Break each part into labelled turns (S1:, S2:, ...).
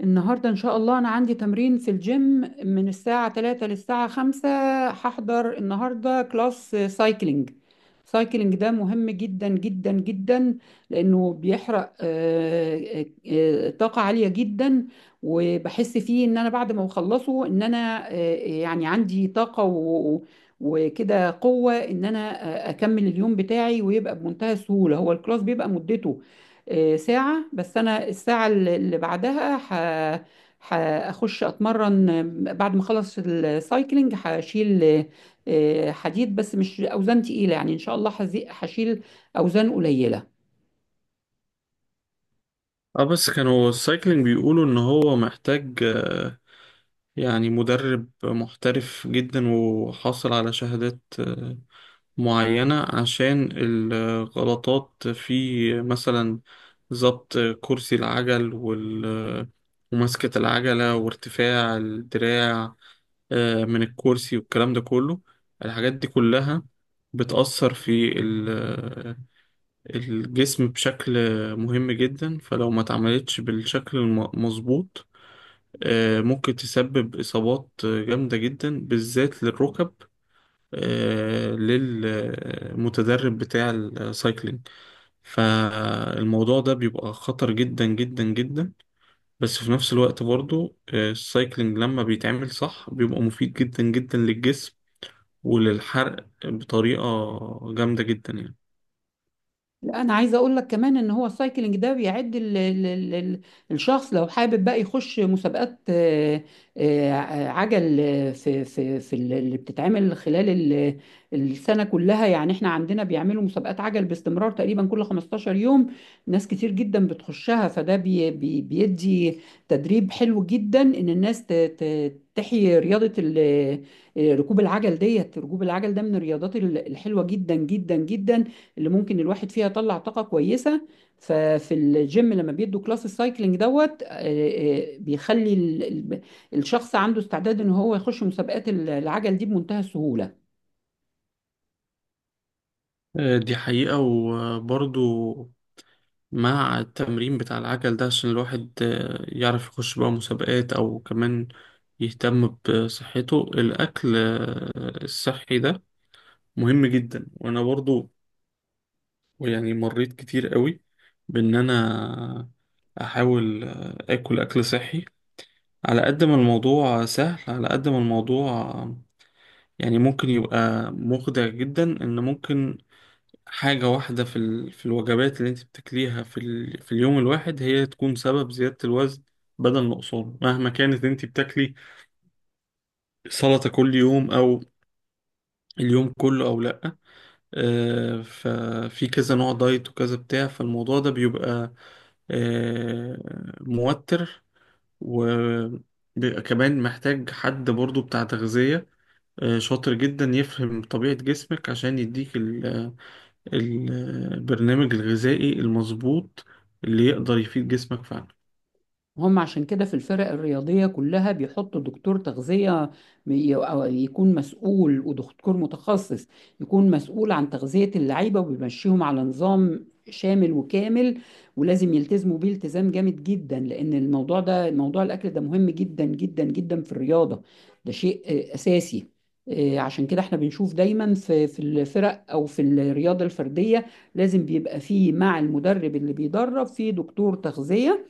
S1: النهاردة إن شاء الله أنا عندي تمرين في الجيم من الساعة 3 للساعة 5. هحضر النهاردة كلاس سايكلينج. سايكلينج ده مهم جدا جدا جدا لأنه بيحرق طاقة عالية جدا. وبحس فيه إن أنا بعد ما بخلصه إن أنا يعني عندي طاقة وكده قوة إن أنا أكمل اليوم بتاعي ويبقى بمنتهى السهولة. هو الكلاس بيبقى مدته ساعة، بس أنا الساعة اللي بعدها هخش أتمرن. بعد ما أخلص السايكلينج هشيل حديد، بس مش أوزان تقيلة، يعني إن شاء الله هشيل أوزان قليلة.
S2: اه، بس كانوا السايكلينج بيقولوا ان هو محتاج يعني مدرب محترف جدا وحاصل على شهادات معينة عشان الغلطات في مثلا ضبط كرسي العجل وال آه، ومسكة العجلة وارتفاع الدراع من الكرسي والكلام ده كله. الحاجات دي كلها بتأثر في الجسم بشكل مهم جدا، فلو ما اتعملتش بالشكل المظبوط ممكن تسبب إصابات جامدة جدا بالذات للركب للمتدرب بتاع السايكلينج. فالموضوع ده بيبقى خطر جدا جدا جدا. بس في نفس الوقت برضو السايكلينج لما بيتعمل صح بيبقى مفيد جدا جدا للجسم وللحرق بطريقة جامدة جدا يعني.
S1: لا، انا عايزه اقول لك كمان ان هو السايكلينج ده بيعد الشخص لو حابب بقى يخش مسابقات آه، عجل اللي بتتعمل خلال السنه كلها. يعني احنا عندنا بيعملوا مسابقات عجل باستمرار تقريبا كل 15 يوم. ناس كتير جدا بتخشها، فده بي بي بيدي تدريب حلو جدا ان الناس تحيي رياضه ركوب العجل. ديت ركوب العجل ده من الرياضات الحلوه جدا جدا جدا اللي ممكن الواحد فيها يطلع طاقة كويسة. ففي الجيم لما بيدوا كلاس السايكلينج دوت بيخلي ال- الشخص عنده استعداد ان هو يخش مسابقات العجل دي بمنتهى السهولة.
S2: دي حقيقة، وبرضو مع التمرين بتاع العجل ده عشان الواحد يعرف يخش بقى مسابقات أو كمان يهتم بصحته. الأكل الصحي ده مهم جدا، وأنا برضو يعني مريت كتير قوي بإن أنا أحاول أكل أكل صحي. على قد ما الموضوع سهل، على قد ما الموضوع يعني ممكن يبقى مخدع جدا، إن ممكن حاجة واحدة في الوجبات اللي انت بتاكليها في اليوم الواحد هي تكون سبب زيادة الوزن بدل نقصانه. مهما كانت انت بتاكلي سلطة كل يوم او اليوم كله او لأ، ففي كذا نوع دايت وكذا بتاع، فالموضوع ده بيبقى آه، موتر، وبيبقى كمان محتاج حد برضو بتاع تغذية شاطر جدا يفهم طبيعة جسمك عشان يديك ال- البرنامج الغذائي المظبوط اللي يقدر يفيد جسمك فعلا.
S1: هم عشان كده في الفرق الرياضية كلها بيحطوا دكتور تغذية، أو يكون مسؤول، ودكتور متخصص يكون مسؤول عن تغذية اللعيبة وبيمشيهم على نظام شامل وكامل، ولازم يلتزموا بيه التزام جامد جدا، لأن الموضوع ده، موضوع الأكل ده، مهم جدا جدا جدا في الرياضة. ده شيء أساسي. عشان كده احنا بنشوف دايما في الفرق او في الرياضة الفردية لازم بيبقى فيه مع المدرب اللي بيدرب فيه دكتور تغذية،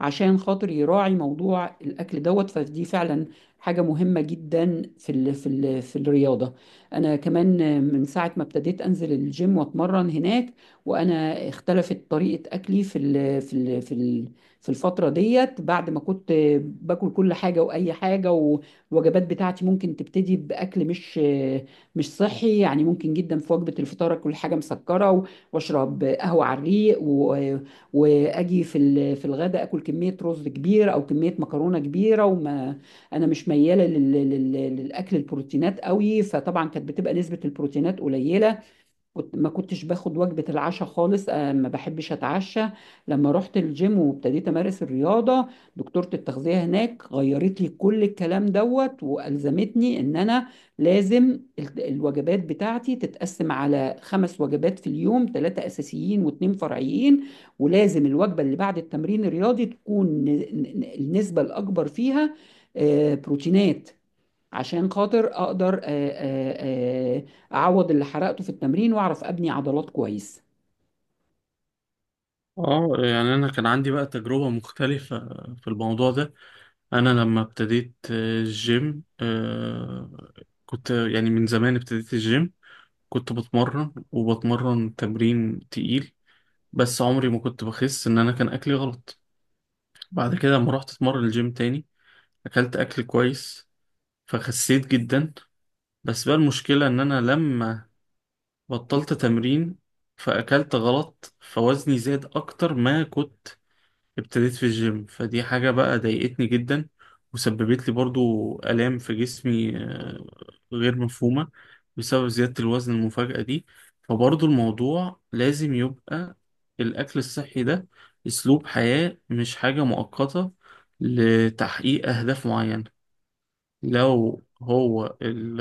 S1: عشان خاطر يراعي موضوع الاكل دوت. فدي فعلا حاجه مهمه جدا في الرياضه. انا كمان من ساعه ما ابتديت انزل الجيم واتمرن هناك، وانا اختلفت طريقه اكلي في الفتره ديت. بعد ما كنت باكل كل حاجه واي حاجه، والوجبات بتاعتي ممكن تبتدي باكل مش صحي. يعني ممكن جدا في وجبه الفطار اكل حاجه مسكره واشرب قهوه على الريق، واجي في الغداء اكل كميه رز كبيره او كميه مكرونه كبيره، انا مش مياله للاكل البروتينات قوي، فطبعا كانت بتبقى نسبه البروتينات قليله. كنت ما كنتش باخد وجبة العشاء خالص، ما بحبش اتعشى. لما رحت الجيم وابتديت امارس الرياضة، دكتورة التغذية هناك غيرت لي كل الكلام دوت، والزمتني ان انا لازم الوجبات بتاعتي تتقسم على 5 وجبات في اليوم، 3 اساسيين واتنين فرعيين، ولازم الوجبة اللي بعد التمرين الرياضي تكون النسبة الاكبر فيها بروتينات، عشان خاطر اقدر اعوض اللي حرقته في التمرين واعرف ابني عضلات كويس.
S2: اه، يعني انا كان عندي بقى تجربة مختلفة في الموضوع ده. انا لما ابتديت الجيم كنت يعني من زمان ابتديت الجيم. كنت بتمرن وبتمرن تمرين تقيل، بس عمري ما كنت بخس ان انا كان اكلي غلط. بعد كده لما رحت اتمرن الجيم تاني اكلت اكل كويس فخسيت جدا. بس بقى المشكلة ان انا لما بطلت تمرين فأكلت غلط فوزني زاد أكتر ما كنت ابتديت في الجيم. فدي حاجة بقى ضايقتني جدا، وسببت لي برضو آلام في جسمي غير مفهومة، بسبب زيادة الوزن المفاجئة دي. فبرضو الموضوع لازم يبقى الأكل الصحي ده أسلوب حياة، مش حاجة مؤقتة لتحقيق أهداف معينة. لو هو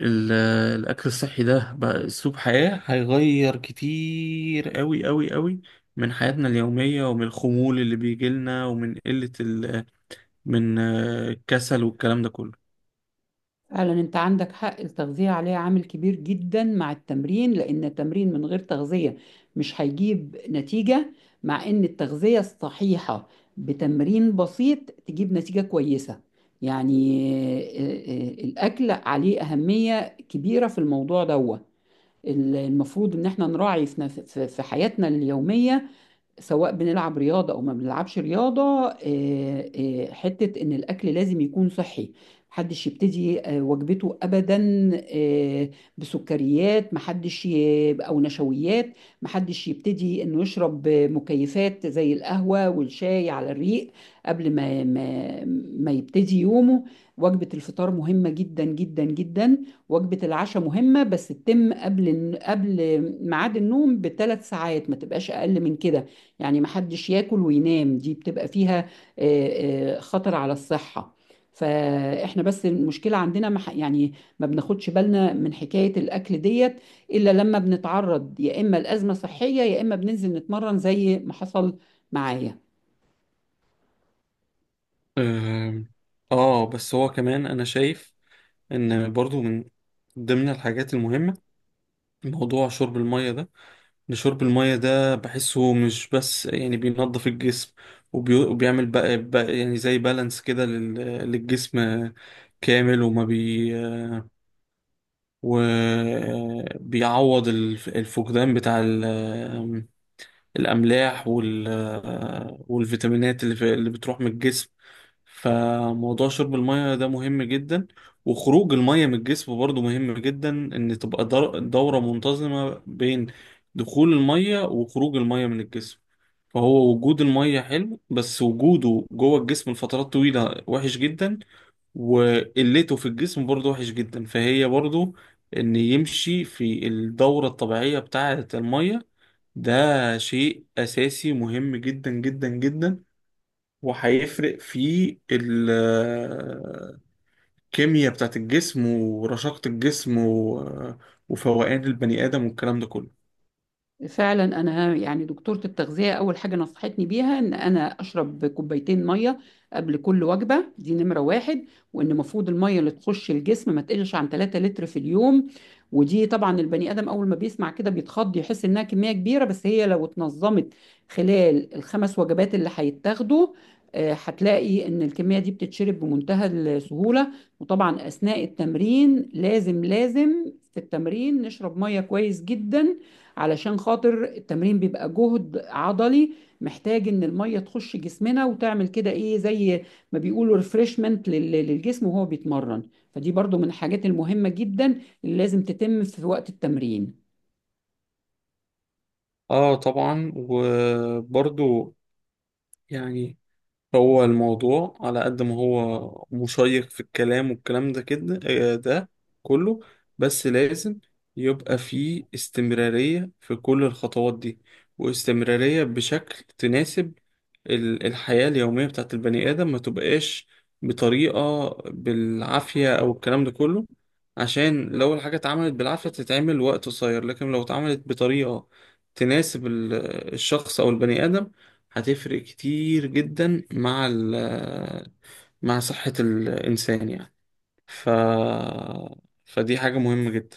S2: ال- الأكل الصحي ده بقى أسلوب حياة هيغير كتير أوي أوي أوي من حياتنا اليومية، ومن الخمول اللي بيجيلنا، ومن قلة من الكسل والكلام ده كله.
S1: فعلا انت عندك حق، التغذية عليها عامل كبير جدا مع التمرين، لان التمرين من غير تغذية مش هيجيب نتيجة، مع ان التغذية الصحيحة بتمرين بسيط تجيب نتيجة كويسة. يعني الاكل عليه اهمية كبيرة في الموضوع ده. المفروض ان احنا نراعي في حياتنا اليومية، سواء بنلعب رياضة أو ما بنلعبش رياضة، حتة إن الأكل لازم يكون صحي. محدش يبتدي وجبته أبدا بسكريات، محدش أو نشويات، محدش يبتدي إنه يشرب مكيفات زي القهوة والشاي على الريق قبل ما يبتدي يومه. وجبة الفطار مهمة جدا جدا جدا، وجبة العشاء مهمة بس تتم قبل ميعاد النوم بـ3 ساعات، ما تبقاش أقل من كده. يعني محدش ياكل وينام، دي بتبقى فيها خطر على الصحة. فاحنا بس المشكلة عندنا يعني ما بناخدش بالنا من حكاية الأكل ديت إلا لما بنتعرض يا إما لأزمة صحية يا إما بننزل نتمرن زي ما حصل معايا.
S2: آم، آه، بس هو كمان أنا شايف إن برضو من ضمن الحاجات المهمة موضوع شرب المية ده. لشرب المية ده بحسه مش بس يعني بينظف الجسم وبيعمل بقى يعني زي بالانس كده للجسم كامل، وما بي وبيعوض الفقدان بتاع الأملاح والفيتامينات اللي بتروح من الجسم. فموضوع شرب المية ده مهم جدا، وخروج المية من الجسم برضو مهم جدا، ان تبقى دورة منتظمة بين دخول المية وخروج المية من الجسم. فهو وجود المية حلو، بس وجوده جوه الجسم لفترات طويلة وحش جدا، وقلته في الجسم برضو وحش جدا. فهي برضو ان يمشي في الدورة الطبيعية بتاعة المية. ده شيء أساسي مهم جدا جدا جدا، وهيفرق في الكيمياء بتاعت الجسم ورشاقة الجسم وفوقان البني آدم والكلام ده كله.
S1: فعلا انا يعني دكتوره التغذيه اول حاجه نصحتني بيها ان انا اشرب كوبايتين ميه قبل كل وجبه، دي نمره واحد. وان المفروض الميه اللي تخش الجسم ما تقلش عن 3 لتر في اليوم. ودي طبعا البني ادم اول ما بيسمع كده بيتخض، يحس انها كميه كبيره، بس هي لو اتنظمت خلال الـ5 وجبات اللي هيتاخدوا، هتلاقي ان الكميه دي بتتشرب بمنتهى السهوله. وطبعا اثناء التمرين، لازم في التمرين نشرب ميه كويس جدا، علشان خاطر التمرين بيبقى جهد عضلي محتاج ان الميه تخش جسمنا وتعمل كده ايه زي ما بيقولوا ريفرشمنت للجسم وهو بيتمرن. فدي برضو من الحاجات المهمة جدا اللي لازم تتم في وقت التمرين.
S2: اه، طبعا. وبرضو يعني هو الموضوع على قد ما هو مشيق في الكلام والكلام ده كده ده كله، بس لازم يبقى فيه استمرارية في كل الخطوات دي، واستمرارية بشكل تناسب الحياة اليومية بتاعت البني آدم، ما تبقاش بطريقة بالعافية أو الكلام ده كله. عشان لو الحاجة اتعملت بالعافية تتعمل وقت قصير، لكن لو اتعملت بطريقة تناسب الشخص أو البني آدم هتفرق كتير جدا مع مع صحة الإنسان يعني. ف فدي حاجة مهمة جدا.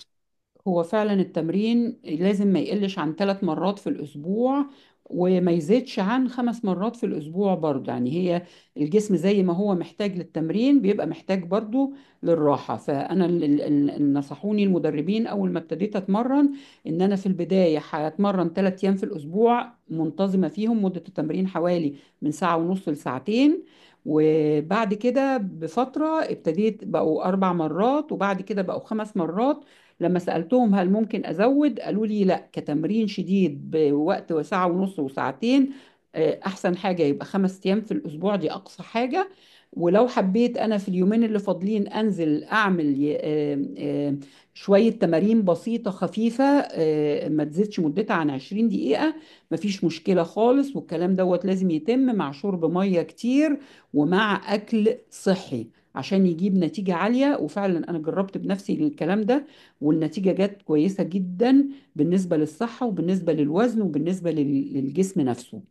S1: هو فعلا التمرين لازم ما يقلش عن 3 مرات في الأسبوع وما يزيدش عن 5 مرات في الأسبوع برضه. يعني هي الجسم زي ما هو محتاج للتمرين بيبقى محتاج برضه للراحة. فأنا نصحوني المدربين أول ما ابتديت أتمرن إن أنا في البداية هتمرن 3 أيام في الأسبوع منتظمة، فيهم مدة التمرين حوالي من ساعة ونص لساعتين، وبعد كده بفترة ابتديت بقوا 4 مرات، وبعد كده بقوا 5 مرات. لما سألتهم هل ممكن أزود قالوا لي لا، كتمرين شديد بوقت ساعة ونص وساعتين أحسن حاجة يبقى 5 أيام في الأسبوع، دي أقصى حاجة. ولو حبيت أنا في اليومين اللي فاضلين أنزل أعمل شوية تمارين بسيطة خفيفة ما تزيدش مدتها عن 20 دقيقة، مفيش مشكلة خالص. والكلام دوت لازم يتم مع شرب مية كتير ومع أكل صحي عشان يجيب نتيجة عالية. وفعلا أنا جربت بنفسي الكلام ده، والنتيجة جت كويسة جدا بالنسبة للصحة وبالنسبة للوزن وبالنسبة للجسم نفسه.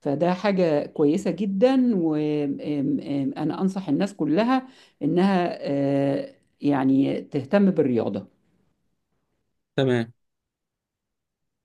S1: فده حاجة كويسة جدا، وأنا أنصح الناس كلها إنها يعني تهتم بالرياضة.
S2: تمام.